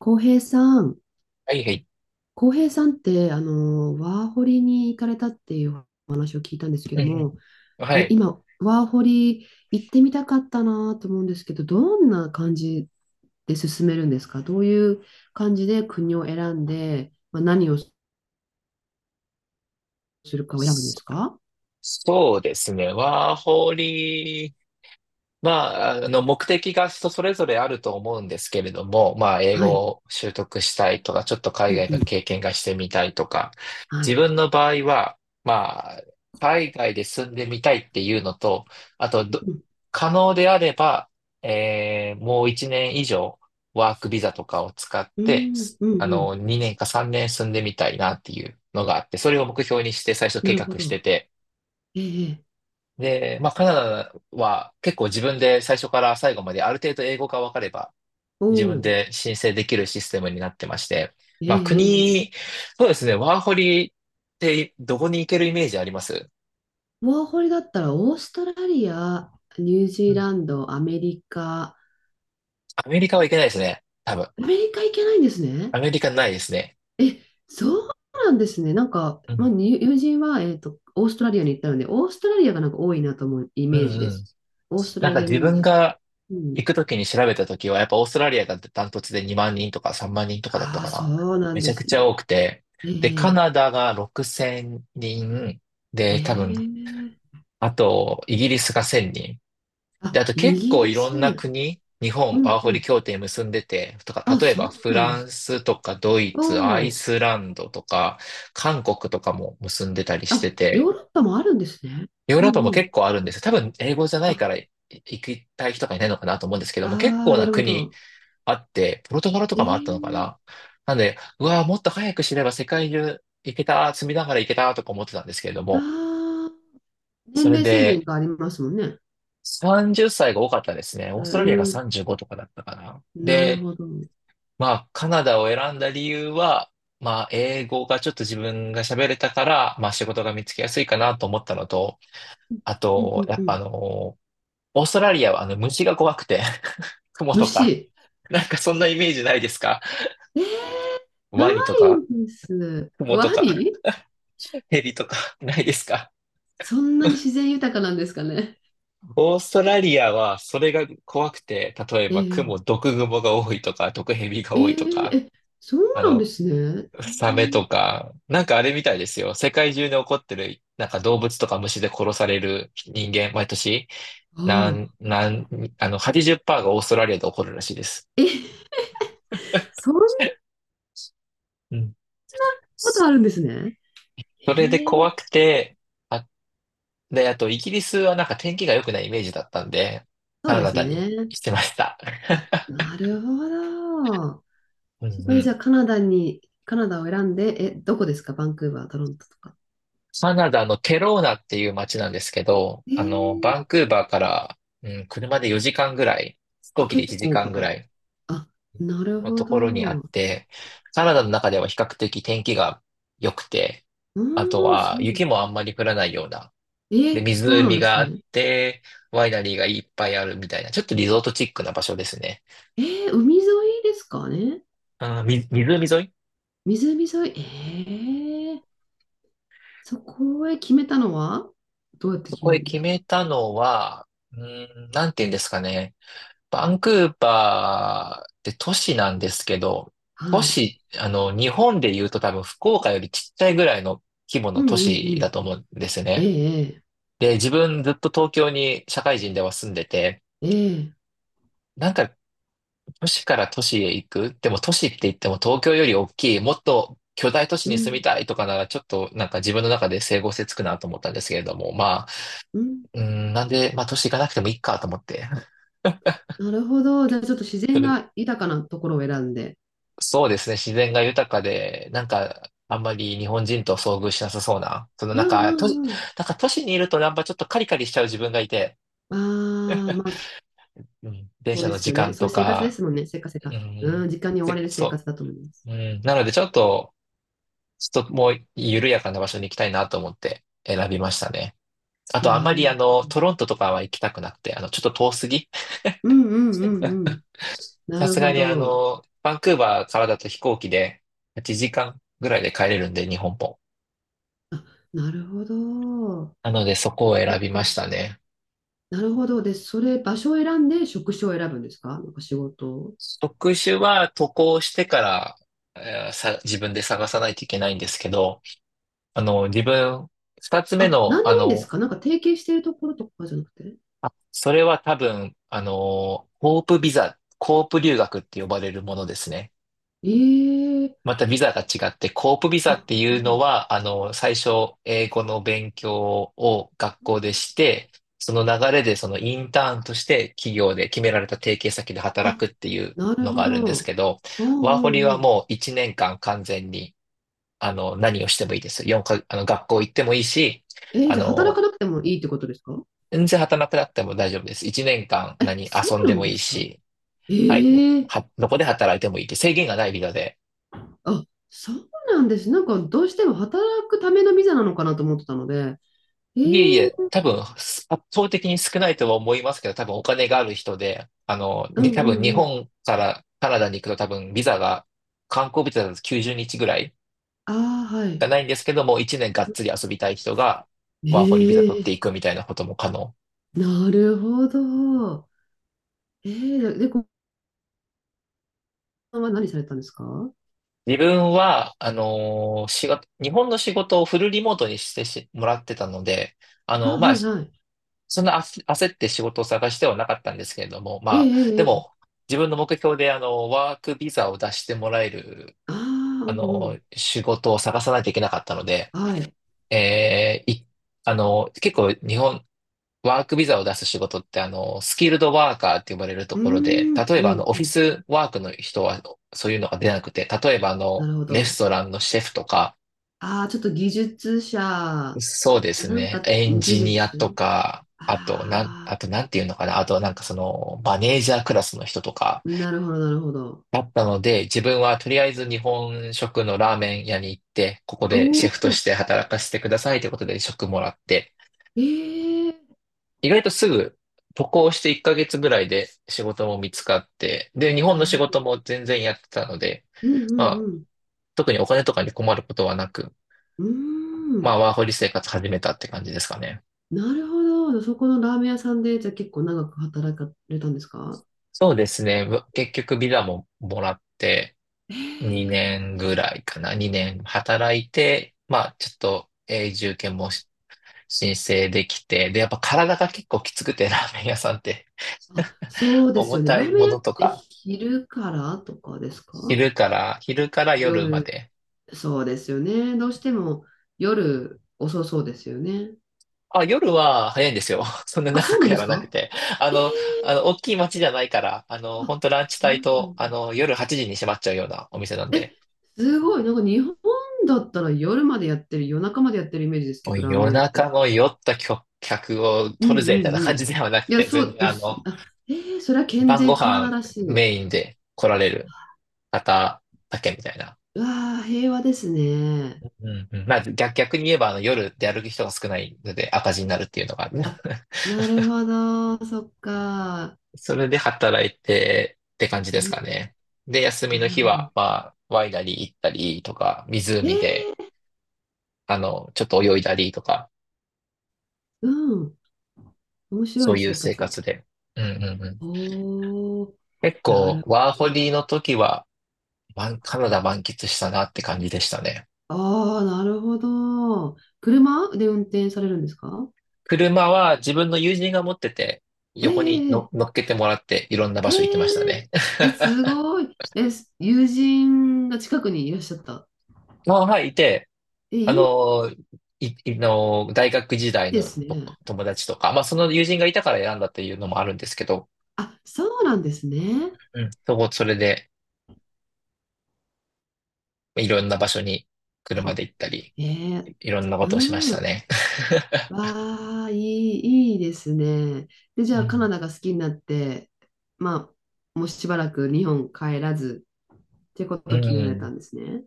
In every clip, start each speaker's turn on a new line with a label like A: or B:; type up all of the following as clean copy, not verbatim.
A: 浩平さん、
B: はいはい。
A: 浩平さんって、ワーホリに行かれたっていうお話を聞いたんですけ
B: うん
A: ども、
B: うん。はい。
A: 今、ワーホリ行ってみたかったなと思うんですけど、どんな感じで進めるんですか？どういう感じで国を選んで、まあ、何をするかを選ぶんで
B: そ
A: すか？
B: そうですね。ワーホリま目的が人それぞれあると思うんですけれども、まあ、英
A: は
B: 語
A: い。
B: を習得したいとか、ちょっと海
A: うん
B: 外
A: う
B: の
A: ん。
B: 経験がしてみたいとか、
A: は
B: 自
A: い。
B: 分の場合は、まあ、海外で住んでみたいっていうのと、あとど、
A: うん。
B: 可能であれば、もう1年以上、ワークビザとかを使っ
A: う
B: て、
A: ん。うんうん。
B: 2年か3年住んでみたいなっていうのがあって、それを目標にして最初
A: な
B: 計
A: るほ
B: 画して
A: ど。
B: て、
A: ええ。ええ。
B: で、まあ、カナダは結構自分で最初から最後まである程度英語が分かれば
A: お
B: 自分
A: お。
B: で申請できるシステムになってまして、
A: ええ。
B: まあ、
A: えええ
B: 国、
A: え。
B: そうですね、ワーホリってどこに行けるイメージあります？
A: ワーホリだったら、オーストラリア、ニュージ
B: う
A: ー
B: ん。
A: ランド、アメリカ、
B: アメリカは行けないですね。多分。
A: アメリカ行けないんです
B: ア
A: ね。
B: メリカないですね。
A: え、そうなんですね。なんか、
B: う
A: まあ、
B: ん。
A: に友人は、オーストラリアに行ったので、オーストラリアがなんか多いなと思うイ
B: う
A: メ
B: ん
A: ージで
B: うん。
A: す。オースト
B: な
A: ラ
B: んか
A: リア
B: 自
A: 人
B: 分
A: 参。
B: が
A: うん。
B: 行くときに調べたときは、やっぱオーストラリアがダントツで2万人とか3万人とかだった
A: ああ、
B: かな。
A: そうなん
B: めち
A: で
B: ゃく
A: す
B: ち
A: ね。
B: ゃ多くて。
A: え
B: で、カ
A: え
B: ナダが6000人。で、多分
A: ええ。
B: あと、イギリスが1000人。で、
A: あ、
B: あと
A: イ
B: 結
A: ギ
B: 構
A: リ
B: いろんな
A: ス。
B: 国、日
A: う
B: 本
A: ん
B: ワー
A: う
B: ホリ
A: ん。
B: 協定結んでて、とか、
A: あ、
B: 例え
A: そう
B: ばフ
A: なんで
B: ラン
A: す。
B: スとかドイ
A: お
B: ツ、アイ
A: お。
B: スランドとか、韓国とかも結んでたりして
A: あ、ヨ
B: て、
A: ーロッパもあるんですね。
B: ヨー
A: う
B: ロッパ
A: ん
B: も
A: うん。
B: 結構あるんですよ。多分英語じゃな
A: あ、
B: いから行きたい人がいないのかなと思うんですけども、結
A: ああ、
B: 構
A: な
B: な
A: るほ
B: 国
A: ど。
B: あって、ポルトガルと
A: え
B: かもあったのか
A: え。
B: な。なんで、うわーもっと早く知れば世界中行けた、積みながら行けたとか思ってたんですけれども、
A: ああ、年
B: それ
A: 齢制限
B: で、
A: がありますもんね。
B: 30歳が多かったですね。オ
A: う
B: ーストラリアが
A: ん。
B: 35とかだったかな。
A: なる
B: で、
A: ほど。うん
B: まあ、カナダを選んだ理由は、まあ、英語がちょっと自分が喋れたから、まあ、仕事が見つけやすいかなと思ったのと、あ
A: うん
B: と、や
A: う
B: っぱ
A: ん。
B: あの、オーストラリアはあの、虫が怖くて、クモとか、
A: 虫。
B: なんかそんなイメージないですか？
A: えー、な
B: ワニと
A: い
B: か、
A: んです。
B: クモと
A: ワ
B: か、
A: ニ。
B: ヘビとか、ないですか？
A: そんなに自然豊かなんですかね。
B: オーストラリアはそれが怖くて、例え
A: え
B: ばク
A: ー、
B: モ、毒グモが多いとか、毒ヘビが
A: え
B: 多いと
A: ー、
B: か、
A: え、そう
B: あ
A: なんで
B: の、
A: すね。
B: サメとか、なんかあれみたいですよ。世界中で起こってる、なんか動物とか虫で殺される人間、毎年、
A: あ
B: なん、
A: あ。
B: なん、あの、80%がオーストラリアで起こるらしいです。
A: え、そんな
B: うん。
A: こと
B: そ
A: あるんですね。え
B: れで
A: ー、
B: 怖くて、あ、で、あと、イギリスはなんか天気が良くないイメージだったんで、
A: そう
B: カ
A: で
B: ナ
A: す
B: ダ
A: ね。
B: にしてました。
A: あ、なるほど。
B: うん
A: そこ
B: う
A: でじゃ
B: ん。
A: あカナダを選んで、どこですか？バンクーバー、トロントとか。
B: カナダのケローナっていう街なんですけど、
A: え
B: あ
A: ー、
B: の、バンクーバーから、うん、車で4時間ぐらい、飛
A: あ、
B: 行機で1
A: 結構
B: 時
A: か
B: 間ぐ
A: か
B: ら
A: る。
B: い
A: あ、なる
B: の
A: ほ
B: ところにあ
A: ど。
B: っ
A: う
B: て、カナダの中では比較的天気が良くて、
A: ー
B: あと
A: ん、
B: は
A: そうな
B: 雪
A: ん
B: もあんまり降らないような、
A: え
B: で、
A: ー、そうなん
B: 湖
A: です
B: があっ
A: ね。
B: て、ワイナリーがいっぱいあるみたいな、ちょっとリゾートチックな場所ですね。
A: え海沿いですかね？
B: 湖沿い。
A: 湖沿い。えー、そこへ決めたのは、どうやって
B: そ
A: 決め
B: こ
A: る
B: へ
A: んで
B: 決
A: すか？
B: めたのは、うーん、なんて言うんですかね。バンクーバーって都市なんですけど、
A: は
B: 都
A: い。
B: 市、あの、日本で言うと多分福岡よりちっちゃいぐらいの規模
A: う
B: の
A: ん
B: 都
A: うんう
B: 市だ
A: ん。
B: と思うんですね。
A: ええ
B: で、自分ずっと東京に社会人では住んでて、
A: ええええ。
B: なんか都市から都市へ行く、でも都市って言っても東京より大きい、もっと巨大都市
A: う
B: に住み
A: ん
B: たいとかならちょっとなんか自分の中で整合性つくなと思ったんですけれども、まあ、
A: うん。
B: うーん、なんで、まあ都市行かなくてもいいかと思って。
A: なるほど。じゃあちょっと自
B: そ
A: 然
B: れ、
A: が豊かなところを選んで。
B: そうですね、自然が豊かで、なんかあんまり日本人と遭遇しなさそうな、その
A: う
B: なん
A: ん
B: か
A: う
B: 都市、
A: んうん。
B: なんか都市にいるとなんかちょっとカリカリしちゃう自分がいて、
A: ああ、まあ、そ
B: うん、電
A: そう
B: 車
A: で
B: の
A: す
B: 時
A: よね。
B: 間
A: そう
B: と
A: いう生活で
B: か、
A: すもんね。せっかせっ
B: う
A: か。
B: ん、
A: うん、時間に追わ
B: せ
A: れる生
B: そ
A: 活だと思います。
B: ううん、なので、ちょっともう緩やかな場所に行きたいなと思って選びましたね。あと、あ
A: な
B: まりあ
A: る。
B: の、トロントとかは行きたくなくて、あの、ちょっと遠すぎ。
A: うんうんうんうん。な
B: さ
A: る
B: すが
A: ほ
B: にあ
A: ど。
B: の、バンクーバーからだと飛行機で8時間ぐらいで帰れるんで、日本も。
A: あ、なるほど。
B: なので、そこを
A: そ
B: 選
A: っ
B: びま
A: か。
B: したね。
A: なるほど。で、それ、場所を選んで職種を選ぶんですか？なんか仕事を。
B: 職種は渡航してから、えーさ、自分で探さないといけないんですけど、あの、自分、二つ目
A: あ、
B: の、
A: なんで
B: あ
A: もいいんです
B: の、
A: か？なんか提携しているところとかじゃなくて。
B: あ、それは多分、コープビザ、コープ留学って呼ばれるものですね。
A: ええ。
B: またビザが違って、コープビザっ
A: あ、
B: て
A: う
B: いうの
A: ん。
B: は、あのー、最初、英語の勉強を学校でして、その流れでそのインターンとして企業で決められた提携先で働
A: あ、
B: くっていう
A: なる
B: の
A: ほ
B: があるんです
A: ど。
B: けど、
A: うん
B: ワーホリ
A: うんう
B: は
A: ん。
B: もう1年間完全に、あの、何をしてもいいです。4か、あの、学校行ってもいいし、
A: えー
B: あ
A: じゃあ働
B: の
A: か
B: ー、
A: なくてもいいってことですか？
B: 全然働かなくなっても大丈夫です。1年間
A: え、
B: 何
A: そ
B: 遊ん
A: う
B: で
A: なん
B: も
A: で
B: いい
A: すか？
B: し、はい、
A: ええ。
B: どこで働いてもいいって制限がないビザで。
A: あ、そうなんです。なんかどうしても働くためのビザなのかなと思ってたので。
B: いえい
A: え
B: え、
A: え。
B: 多分、圧倒的に少ないとは思いますけど、多分お金がある人で、
A: うん
B: 多
A: う
B: 分
A: ん
B: 日
A: うん。
B: 本からカナダに行くと多分ビザが、観光ビザだと90日ぐらい
A: ああ、は
B: が
A: い。
B: ないんですけども、1年がっつり遊びたい人がワーホリビザ取っ
A: ええ。
B: ていくみたいなことも可能。
A: なるほど。ええ。で後半は何されたんですか？あ、
B: 自分は、仕事、日本の仕事をフルリモートにしてもらってたので、あの、まあ、
A: はいはい。
B: そんな焦って仕事を探してはなかったんですけれども、ま
A: ええ
B: あ、
A: え
B: で
A: ええ
B: も、
A: え。
B: 自分の目標で、あの、ワークビザを出してもらえる、
A: ああ、
B: あ
A: うんう
B: の、
A: ん。
B: 仕事を探さないといけなかったので、
A: はい。
B: えーい、あの、結構日本、ワークビザを出す仕事って、あの、スキルドワーカーって呼ばれると
A: うー
B: ころで、
A: ん、
B: 例え
A: う
B: ば、あ
A: ん、
B: の、オ
A: う
B: フィ
A: ん。
B: スワークの人は、そういうのが出なくて、例えば、あ
A: な
B: の、
A: るほ
B: レス
A: ど。
B: トランのシェフとか、
A: ああ、ちょっと技術者。
B: そうです
A: なん
B: ね。
A: か
B: エン
A: 技
B: ジニアと
A: 術。
B: か、あ
A: あ
B: と、なんていうのかな。あと、なんかその、マネージャークラスの人とか
A: あ、なるほど、なるほど。
B: だったので、自分はとりあえず日本食のラーメン屋に行って、ここ
A: お
B: でシェフと
A: お。
B: して働かせてくださいということで職もらって、
A: ええ。
B: 意外とすぐ渡航して1ヶ月ぐらいで仕事も見つかって、で、日本の
A: な
B: 仕
A: るほ
B: 事
A: ど。
B: も全然やってたので、
A: う
B: ま
A: ん
B: あ、
A: うん
B: 特にお金とかに困ることはなく、
A: うん。うー
B: ま
A: ん、
B: あ、ワーホリ生活始めたって感じですかね。
A: なるほど。そこのラーメン屋さんで、じゃあ結構長く働かれたんですか？
B: そうですね。結局ビザももらって
A: ええ。
B: 2年ぐらいかな。2年働いて、まあちょっと、永住権申請できて、で、やっぱ体が結構きつくて、ラーメン屋さんって。
A: あ、そ うです
B: 重
A: よね。
B: た
A: ラー
B: い
A: メ
B: も
A: ン屋っ
B: のと
A: て
B: か、
A: 昼からとかですか？
B: 昼から夜ま
A: 夜、
B: で。
A: そうですよね。どうしても夜遅そうですよね。
B: あ、夜は早いんですよ。そんな
A: あ、
B: 長
A: そうな
B: く
A: んで
B: や
A: す
B: らなく
A: か？
B: て。あの、あの、大きい街じゃないから、あの、
A: あ、
B: 本当ラン
A: そ
B: チ帯
A: うな
B: と、
A: ん
B: あ
A: だ。
B: の、夜8時に閉まっちゃうようなお店なん
A: え、
B: で。
A: すごい。なんか日本だったら夜までやってる、夜中までやってるイメージです
B: も
A: け
B: う
A: ど、ラーメ
B: 夜
A: ン屋っ
B: 中
A: て。
B: の酔った客を
A: う
B: 取る
A: んう
B: ぜみたいな
A: んう
B: 感
A: ん。
B: じではなく
A: いや、
B: て、
A: そ
B: 全
A: う
B: 然
A: で
B: あ
A: す。
B: の、
A: あ、それは健
B: 晩ご
A: 全カナダ
B: 飯
A: らしい。
B: メインで来られる方だけみたいな。
A: うわあ、平和ですね。
B: うんうん、まあ逆に言えばあの夜で歩く人が少ないので赤字になるっていうのがある。
A: あ、なるほど。そっか。
B: それで働いてって感じ
A: う
B: です
A: ん、
B: かね。で、休みの
A: なる
B: 日
A: ほ
B: は、
A: ど。
B: まあ、ワイナリー行ったりとか、湖で、
A: ええ。
B: あの、ちょっと泳いだりとか、
A: うん。面白
B: そ
A: い
B: ういう
A: 生
B: 生
A: 活。
B: 活で。うんうんうん。
A: おー、
B: 結
A: な
B: 構、
A: る
B: ワー
A: ほ
B: ホ
A: ど。
B: リの時は、まカナダ満喫したなって感じでしたね。
A: ああ、なるほど。車で運転されるんですか？
B: 車は自分の友人が持ってて、
A: え
B: 横に
A: ええ
B: 乗っけてもらって、いろんな場
A: え
B: 所行ってました
A: え
B: ね。
A: ええ、すごい。え、友人が近くにいらっしゃった。
B: まあ、はい、いて、
A: え、
B: あ
A: いい
B: のー、い、いのー、大学時代
A: で
B: の
A: すね。
B: 友達とか、まあ、その友人がいたから選んだっていうのもあるんですけど、
A: あ、そうなんですね。
B: うん、それで、いろんな場所に車で
A: あ、
B: 行ったり、
A: ええ。
B: いろんなことをしまし
A: う
B: た
A: ん。
B: ね。
A: わあ、いい、いいですね。で、じ
B: う
A: ゃあ、カナ
B: ん。
A: ダが好きになって、まあ、もうしばらく日本帰らず、っていうこ
B: う
A: とを決められた
B: ん。
A: んですね。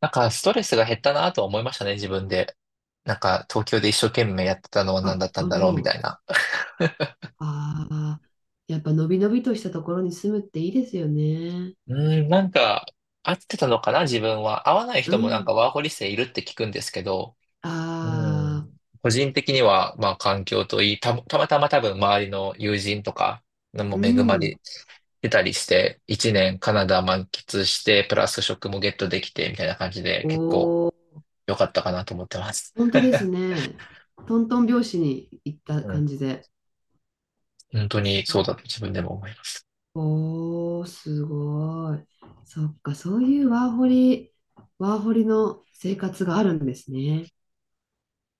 B: なんか、ストレスが減ったなとは思いましたね、自分で。なんか、東京で一生懸命やってたのは何だっ
A: あ、
B: た
A: な
B: ん
A: る
B: だ
A: ほ
B: ろう、みた
A: ど。
B: いな。
A: ああ、やっぱのびのびとしたところに住むっていいですよね。
B: うん、なんか、合ってたのかな、自分は。合わない
A: う
B: 人もなんか
A: ん。
B: ワーホリ生いるって聞くんですけど、
A: あ
B: う
A: あ、
B: ん、個人的には、まあ、環境といい、たまたま多分周りの友人とか、も
A: う
B: 恵ま
A: ん。
B: れてたりして、一年カナダ満喫して、プラス職もゲットできて、みたいな感じで、
A: お
B: 結構
A: お、
B: 良かったかなと思ってます。
A: 本当ですね。トントン拍子に行った
B: うん、
A: 感じで。
B: 本当に
A: す
B: そうだと自分でも思います。
A: おー、すごい。そっか、そういうワーホリの生活があるんですね。